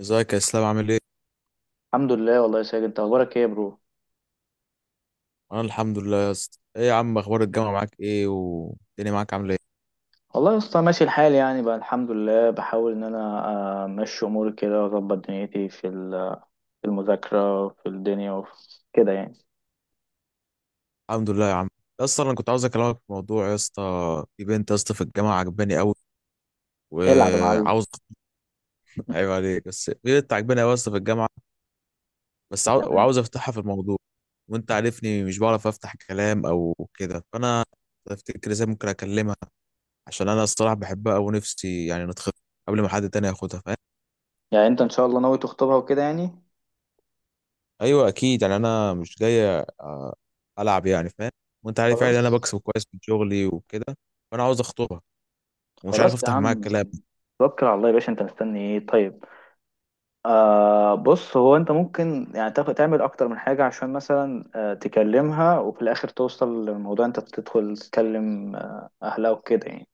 ازيك يا اسلام؟ عامل ايه؟ الحمد لله والله يا ساجد، انت اخبارك ايه يا برو؟ انا الحمد لله يا اسطى. ايه يا عم، اخبار الجامعه معاك ايه، والدنيا معاك عامله ايه؟ والله يا اسطى ماشي الحال، يعني بقى الحمد لله، بحاول ان انا امشي اموري كده واظبط دنيتي في في المذاكره في الدنيا وفي كده يعني. الحمد لله يا عم. يا اسطى انا كنت عاوز اكلمك في موضوع يا اسطى. في بنت يا اسطى في الجامعه عجباني قوي العب يا معلم. وعاوز عيب عليك، بس في بنت عجباني قوي يا اسطى في الجامعه. وعاوز تمام، افتحها في الموضوع. وانت عارفني مش بعرف افتح كلام او كده، فانا افتكر ازاي ممكن اكلمها، عشان انا الصراحه بحبها ونفسي يعني نتخطب قبل ما حد تاني ياخدها، فاهم؟ يعني انت ان شاء الله ناوي تخطبها وكده يعني. ايوه اكيد، يعني انا مش جاي العب يعني، فاهم. وانت عارف يعني انا خلاص. بكسب كويس من شغلي وكده، فانا عاوز اخطبها ومش عارف خلاص يا افتح معاها عم، الكلام. توكل على الله يا باشا، انت مستني ايه طيب؟ بص، هو انت ممكن يعني تعمل اكتر من حاجه، عشان مثلا تكلمها وفي الاخر توصل للموضوع، انت تدخل تكلم اهلها وكده يعني.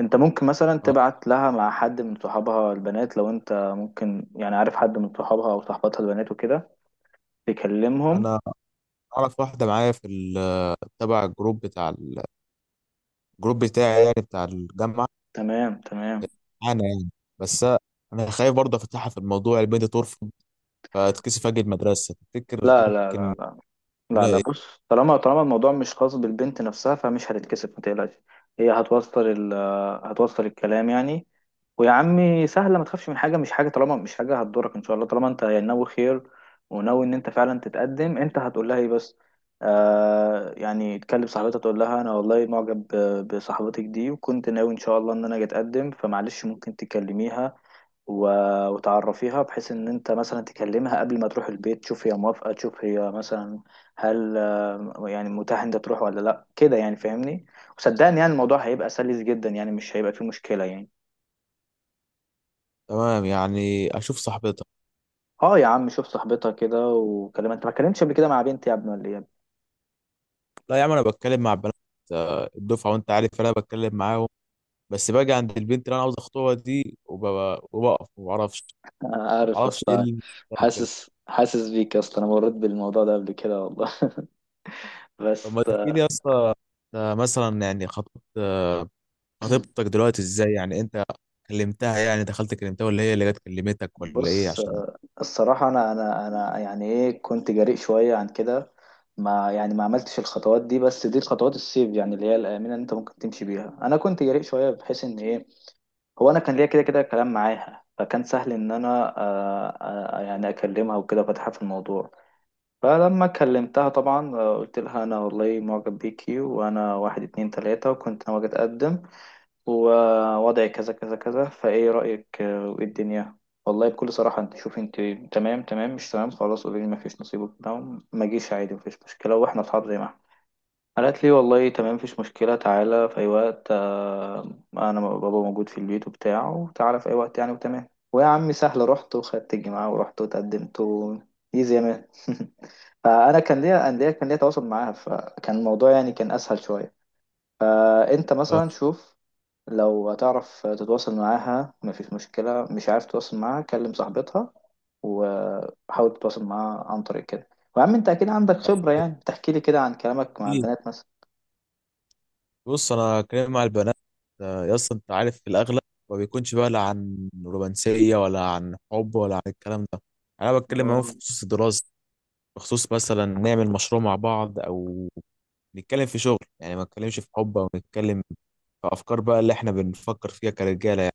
انت ممكن مثلا اه، تبعت لها مع حد من صحابها البنات لو انت ممكن يعني عارف حد من صحابها او صحباتها البنات وكده تكلمهم. انا اعرف واحده معايا في تبع الجروب بتاع الجروب بتاعي يعني بتاع الجامعه. تمام، تمام. انا يعني، بس انا خايف برضه افتحها في الموضوع، البنت ترفض فتكسف اجي المدرسه، تفتكر لا لا ممكن؟ لا، لا لا لا، ايه. بص طالما الموضوع مش خاص بالبنت نفسها، فمش هتتكسف، ما تقلقش. هي هتوصل هتوصل الكلام يعني. ويا عمي سهلة، ما تخافش من حاجة، مش حاجة طالما مش حاجة هتضرك إن شاء الله، طالما أنت يعني ناوي خير، وناوي إن أنت فعلا تتقدم. أنت هتقول لها إيه بس؟ يعني تكلم صاحبتها، تقول لها أنا والله معجب بصاحبتك دي، وكنت ناوي إن شاء الله إن أنا أجي أتقدم، فمعلش ممكن تكلميها وتعرفيها، بحيث ان انت مثلا تكلمها قبل ما تروح البيت، تشوف هي موافقة، تشوف هي مثلا هل يعني متاح انت تروح ولا لا كده يعني فاهمني. وصدقني، يعني الموضوع هيبقى سلس جدا، يعني مش هيبقى فيه مشكلة يعني. تمام، يعني اشوف صاحبتك. اه يا عم، شوف صاحبتها كده وكلمها. انت ما اتكلمتش قبل كده مع بنتي يا ابني ولا ايه يا ابني؟ لا يا عم انا بتكلم مع بنات، اه، الدفعه، وانت عارف انا بتكلم معاهم. بس باجي عند البنت اللي انا عاوز اخطبها دي وببقى- وبقف ما بعرفش. انا عارف يا معرفش ايه اسطى، اللي بيحصل كده. حاسس حاسس بيك يا اسطى، انا مريت بالموضوع ده قبل كده والله. طب بس ما تحكي لي يا اسطى، انت مثلا يعني خطبت خطيبتك دلوقتي ازاي؟ يعني انت كلمتها، يعني دخلت كلمتها ولا هي اللي جت كلمتك ولا ايه؟ بص، عشان الصراحة أنا يعني إيه، كنت جريء شوية عن كده. ما يعني ما عملتش الخطوات دي، بس دي الخطوات السيف يعني اللي هي الآمنة، اللي أنت ممكن تمشي بيها. أنا كنت جريء شوية بحيث إن إيه، هو أنا كان ليا كده كده كلام معاها، فكان سهل إن أنا يعني أكلمها وكده فتحها في الموضوع. فلما كلمتها طبعا، قلت لها أنا والله معجب بيكي، وأنا واحد اتنين تلاتة وكنت ناوي أجي أتقدم، ووضعي كذا كذا كذا، فايه رأيك، وايه الدنيا. والله بكل صراحة انت شوف، انت تمام تمام، مش تمام خلاص قولي لي ما فيش نصيب وبتاع، ما جيش عادي، ما فيش مشكلة واحنا اصحاب زي ما احنا. قالت لي والله تمام، مفيش مشكلة، تعالى في أي وقت، أنا بابا موجود في البيت وبتاع، وتعالى في أي وقت يعني، وتمام. ويا عمي سهلة، رحت وخدت الجماعة ورحت وتقدمت و... إيزي يا مان. فأنا كان ليا تواصل معاها، فكان الموضوع يعني كان أسهل شوية. فأنت آه، مثلا شوف، لو هتعرف تتواصل معاها مفيش مشكلة، مش عارف تتواصل معاها كلم صاحبتها، وحاول تتواصل معاها عن طريق كده. وعم انت اكيد عندك خبرة يعني، بتحكي لي كده عن كلامك مع إيه؟ البنات مثلا. بص، انا كلام مع البنات يا اسطى انت عارف في الاغلب ما بيكونش بقى لا عن رومانسيه ولا عن حب ولا عن الكلام ده. انا بتكلم معاهم في اه خصوص الدراسه، بخصوص مثلا نعمل مشروع مع بعض او نتكلم في شغل. يعني ما نتكلمش في حب، او نتكلم في افكار بقى اللي احنا بنفكر فيها كرجاله.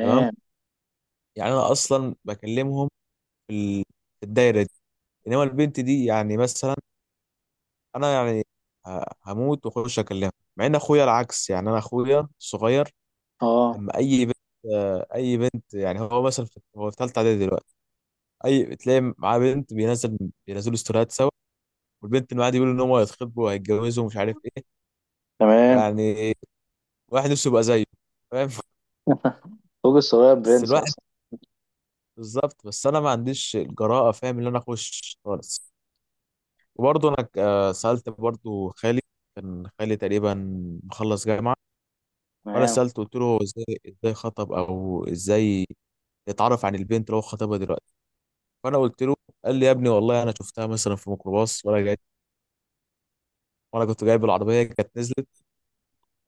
تمام. يعني انا اصلا بكلمهم في ال- في الدايره دي. انما البنت دي يعني مثلا انا يعني هموت واخش اكلمها، مع ان اخويا العكس. يعني انا اخويا الصغير اه اما اي بنت، اي بنت، يعني هو مثلا هو في ثالثه اعدادي دلوقتي، اي تلاقي معاه بنت، بينزلوا ستوريات سوا، والبنت اللي معاه دي بيقولوا ان هم هيتخطبوا وهيتجوزوا ومش عارف ايه. تمام. يعني واحد نفسه يبقى زيه، فاهم؟ فوق الصغير بس برنس يا الواحد اسطى. بالظبط، بس انا ما عنديش الجراءه، فاهم؟ ان انا اخش خالص. وبرضه انا سالت برضه خالي. كان خالي تقريبا مخلص جامعه، فانا تمام، سالته قلت له ازاي ازاي خطب، او ازاي يتعرف عن البنت اللي هو خطبها دلوقتي. فانا قلت له، قال لي يا ابني والله انا شفتها مثلا في ميكروباص وانا جاي، وانا كنت جايب العربيه كانت نزلت.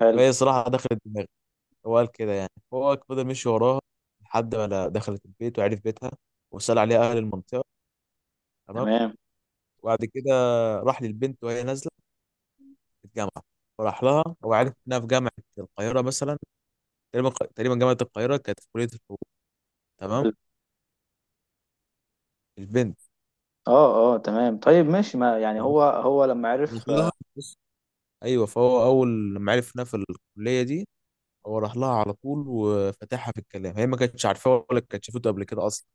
حلو. فهي صراحه دخلت دماغي. هو قال كده، يعني هو فضل مشي وراها لحد ما دخلت البيت وعرف بيتها، وسال عليها اهل المنطقه. تمام. تمام، وبعد كده راح للبنت وهي نازله في الجامعه، فراح لها، هو عارف انها في جامعه القاهره مثلا. تقريبا تقريبا جامعة القاهرة، كانت في كلية الحقوق. تمام. حلو. البنت اه اه تمام. طيب ماشي، ما يعني هو هو لما راح عرف لها، بس- ايوه، فهو اول ما عرف انها في الكلية دي، هو راح لها على طول وفتحها في الكلام، هي ما كانتش عارفاه ولا كانت شافته قبل كده اصلا،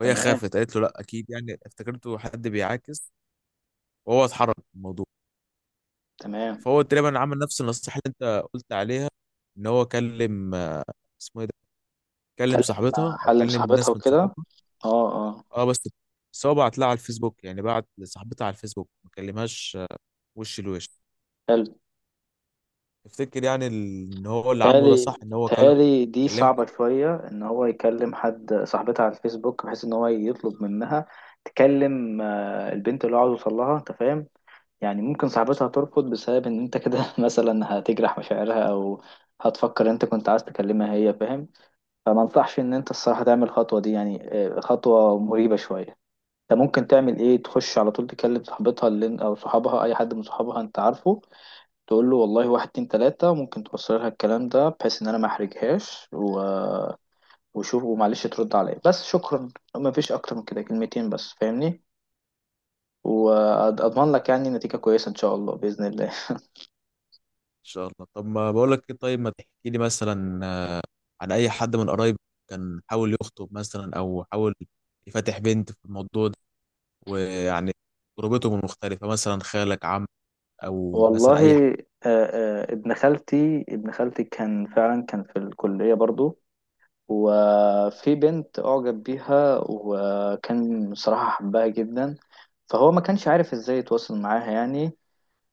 فهي تمام. خافت قالت له لا، اكيد يعني افتكرته حد بيعاكس، وهو اتحرك من الموضوع. تمام. فهو تقريبا عمل نفس النصيحة اللي انت قلت عليها، ان هو كلم اسمه ايه ده، كلم اتكلم مع صاحبتها او حل كلم مصاحبتها ناس من وكده. صحابها. اه اه. اه، بس، بس هو بعت لها على الفيسبوك، يعني بعت لصاحبتها على الفيسبوك، ما كلمهاش وش لوش. حلو. افتكر يعني ان هو اللي عامله ده تالي، صح، ان هو كلام تالي دي كلمك؟ صعبة شوية، إن هو يكلم حد صاحبتها على الفيسبوك بحيث إن هو يطلب منها تكلم البنت اللي هو عاوز يوصل لها، أنت فاهم. يعني ممكن صاحبتها ترفض بسبب إن أنت كده، مثلا هتجرح مشاعرها، أو هتفكر أنت كنت عايز تكلمها هي، فاهم. فما أنصحش إن أنت الصراحة تعمل الخطوة دي يعني، خطوة مريبة شوية. أنت ممكن تعمل إيه، تخش على طول تكلم صاحبتها اللي أو صحابها، أي حد من صحابها أنت عارفه، تقول له والله واحد اتنين تلاتة، ممكن توصل لها الكلام ده بحيث ان انا ما احرجهاش و... وشوف ومعلش ترد عليا بس شكرا. ما فيش اكتر من كده، كلمتين بس فاهمني، واضمن لك يعني نتيجة كويسة ان شاء الله بإذن الله. ان شاء الله. طب ما بقول لك ايه، طيب ما تحكي لي مثلا عن اي حد من قرايبك كان حاول يخطب مثلا، او حاول يفتح بنت في الموضوع ده، ويعني تجربته من مختلفه، مثلا خالك، عم، او مثلا اي حد. والله ابن خالتي كان فعلا كان في الكلية برضو، وفي بنت أعجب بيها، وكان صراحة حبها جدا. فهو ما كانش عارف ازاي يتواصل معاها يعني.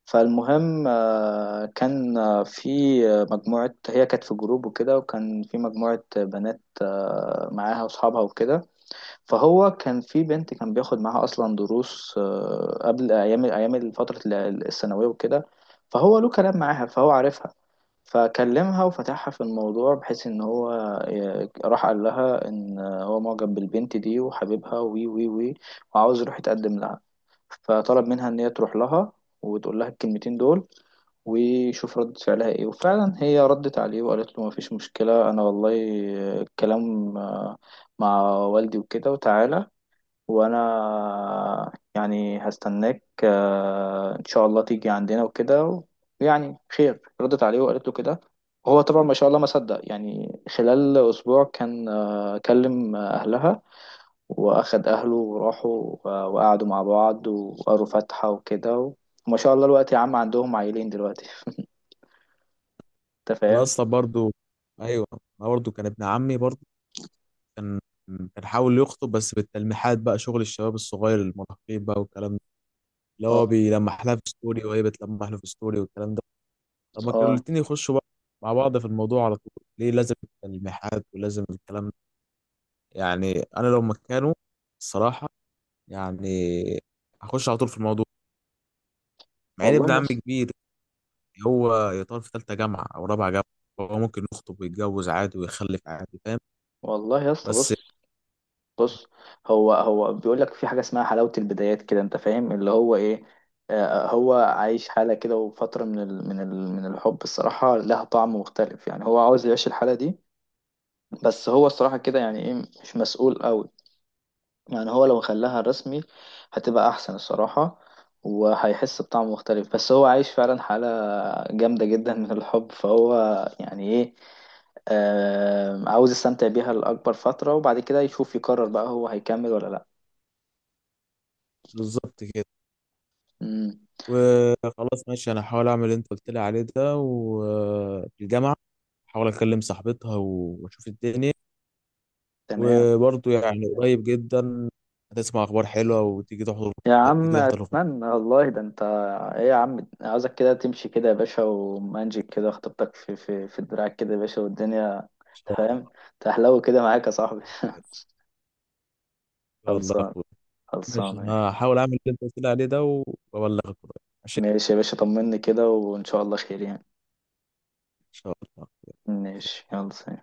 فالمهم كان في مجموعة، هي كانت في جروب وكده، وكان في مجموعة بنات معاها وأصحابها وكده. فهو كان في بنت كان بياخد معاها أصلا دروس قبل أيام أيام فترة الثانوية وكده. فهو له كلام معاها فهو عارفها. فكلمها وفتحها في الموضوع، بحيث إن هو راح قال لها إن هو معجب بالبنت دي وحبيبها وي وي وي، وعاوز يروح يتقدم لها. فطلب منها ان هي تروح لها وتقول لها الكلمتين دول، ويشوف ردة فعلها ايه. وفعلا هي ردت عليه وقالت له مفيش مشكلة، انا والله الكلام مع والدي وكده، وتعالى وانا يعني هستناك، ان شاء الله تيجي عندنا وكده. يعني خير، ردت عليه وقالت له كده. وهو طبعا ما شاء الله ما صدق، يعني خلال اسبوع كان كلم اهلها، واخد اهله وراحوا وقعدوا مع بعض وقروا فاتحة وكده. وما شاء الله الوقت، يا عم عندهم عيلين دلوقتي. انت انا فاهم. اصلا برضو، ايوه، انا برضو كان ابن عمي برضو، كان كان حاول يخطب، بس بالتلميحات بقى، شغل الشباب الصغير المراهقين بقى والكلام ده، اللي هو اه بيلمح لها في ستوري وهي بتلمح له في ستوري والكلام ده. طب ما كانوا اه الاتنين يخشوا بقى مع بعض في الموضوع على طول؟ ليه لازم الملمحات ولازم الكلام ده؟ يعني انا لو مكانه الصراحه، يعني هخش على طول في الموضوع، مع ان ابن والله يا عمي اسطى. كبير، هو يطار في ثالثه جامعه او رابعه جامعه، هو ممكن يخطب ويتجوز عادي ويخلف عادي، فاهم؟ والله يا اسطى بس بص، بص هو هو بيقول لك في حاجة اسمها حلاوة البدايات كده، انت فاهم اللي هو ايه. هو عايش حالة كده، وفترة من ال من ال من الحب الصراحة، لها طعم مختلف يعني هو عاوز يعيش الحالة دي. بس هو الصراحة كده يعني ايه، مش مسؤول قوي. يعني هو لو خلاها رسمي هتبقى احسن الصراحة، وهيحس بطعم مختلف. بس هو عايش فعلا حالة جامدة جدا من الحب، فهو يعني ايه، عاوز يستمتع بيها لأكبر فترة، وبعد كده يشوف يقرر بقى هو هيكمل ولا لأ. بالظبط كده. مم. وخلاص ماشي، انا هحاول اعمل اللي انت قلت لي عليه ده، وفي الجامعه هحاول اكلم صاحبتها واشوف الدنيا. تمام. وبرضه يعني قريب جدا هتسمع اخبار حلوه، وتيجي تحضر، يا عم تيجي تحضر الخطوه أتمنى والله، ده أنت. إيه يا عم، عاوزك كده تمشي كده يا باشا، ومانجيك كده خطيبتك في دراعك كده يا باشا والدنيا، ان شاء الله. فاهم. تحلو كده معاك يا صاحبي. ان شاء الله يا خلصان. اخويا. ماشي، خلصان. انا هحاول اعمل اللي انت قلت لي عليه ده وابلغك قريب. ماشي، ماشي يا باشا، طمني كده وإن شاء الله خير يعني. ان شاء الله. ماشي، يلا سلام.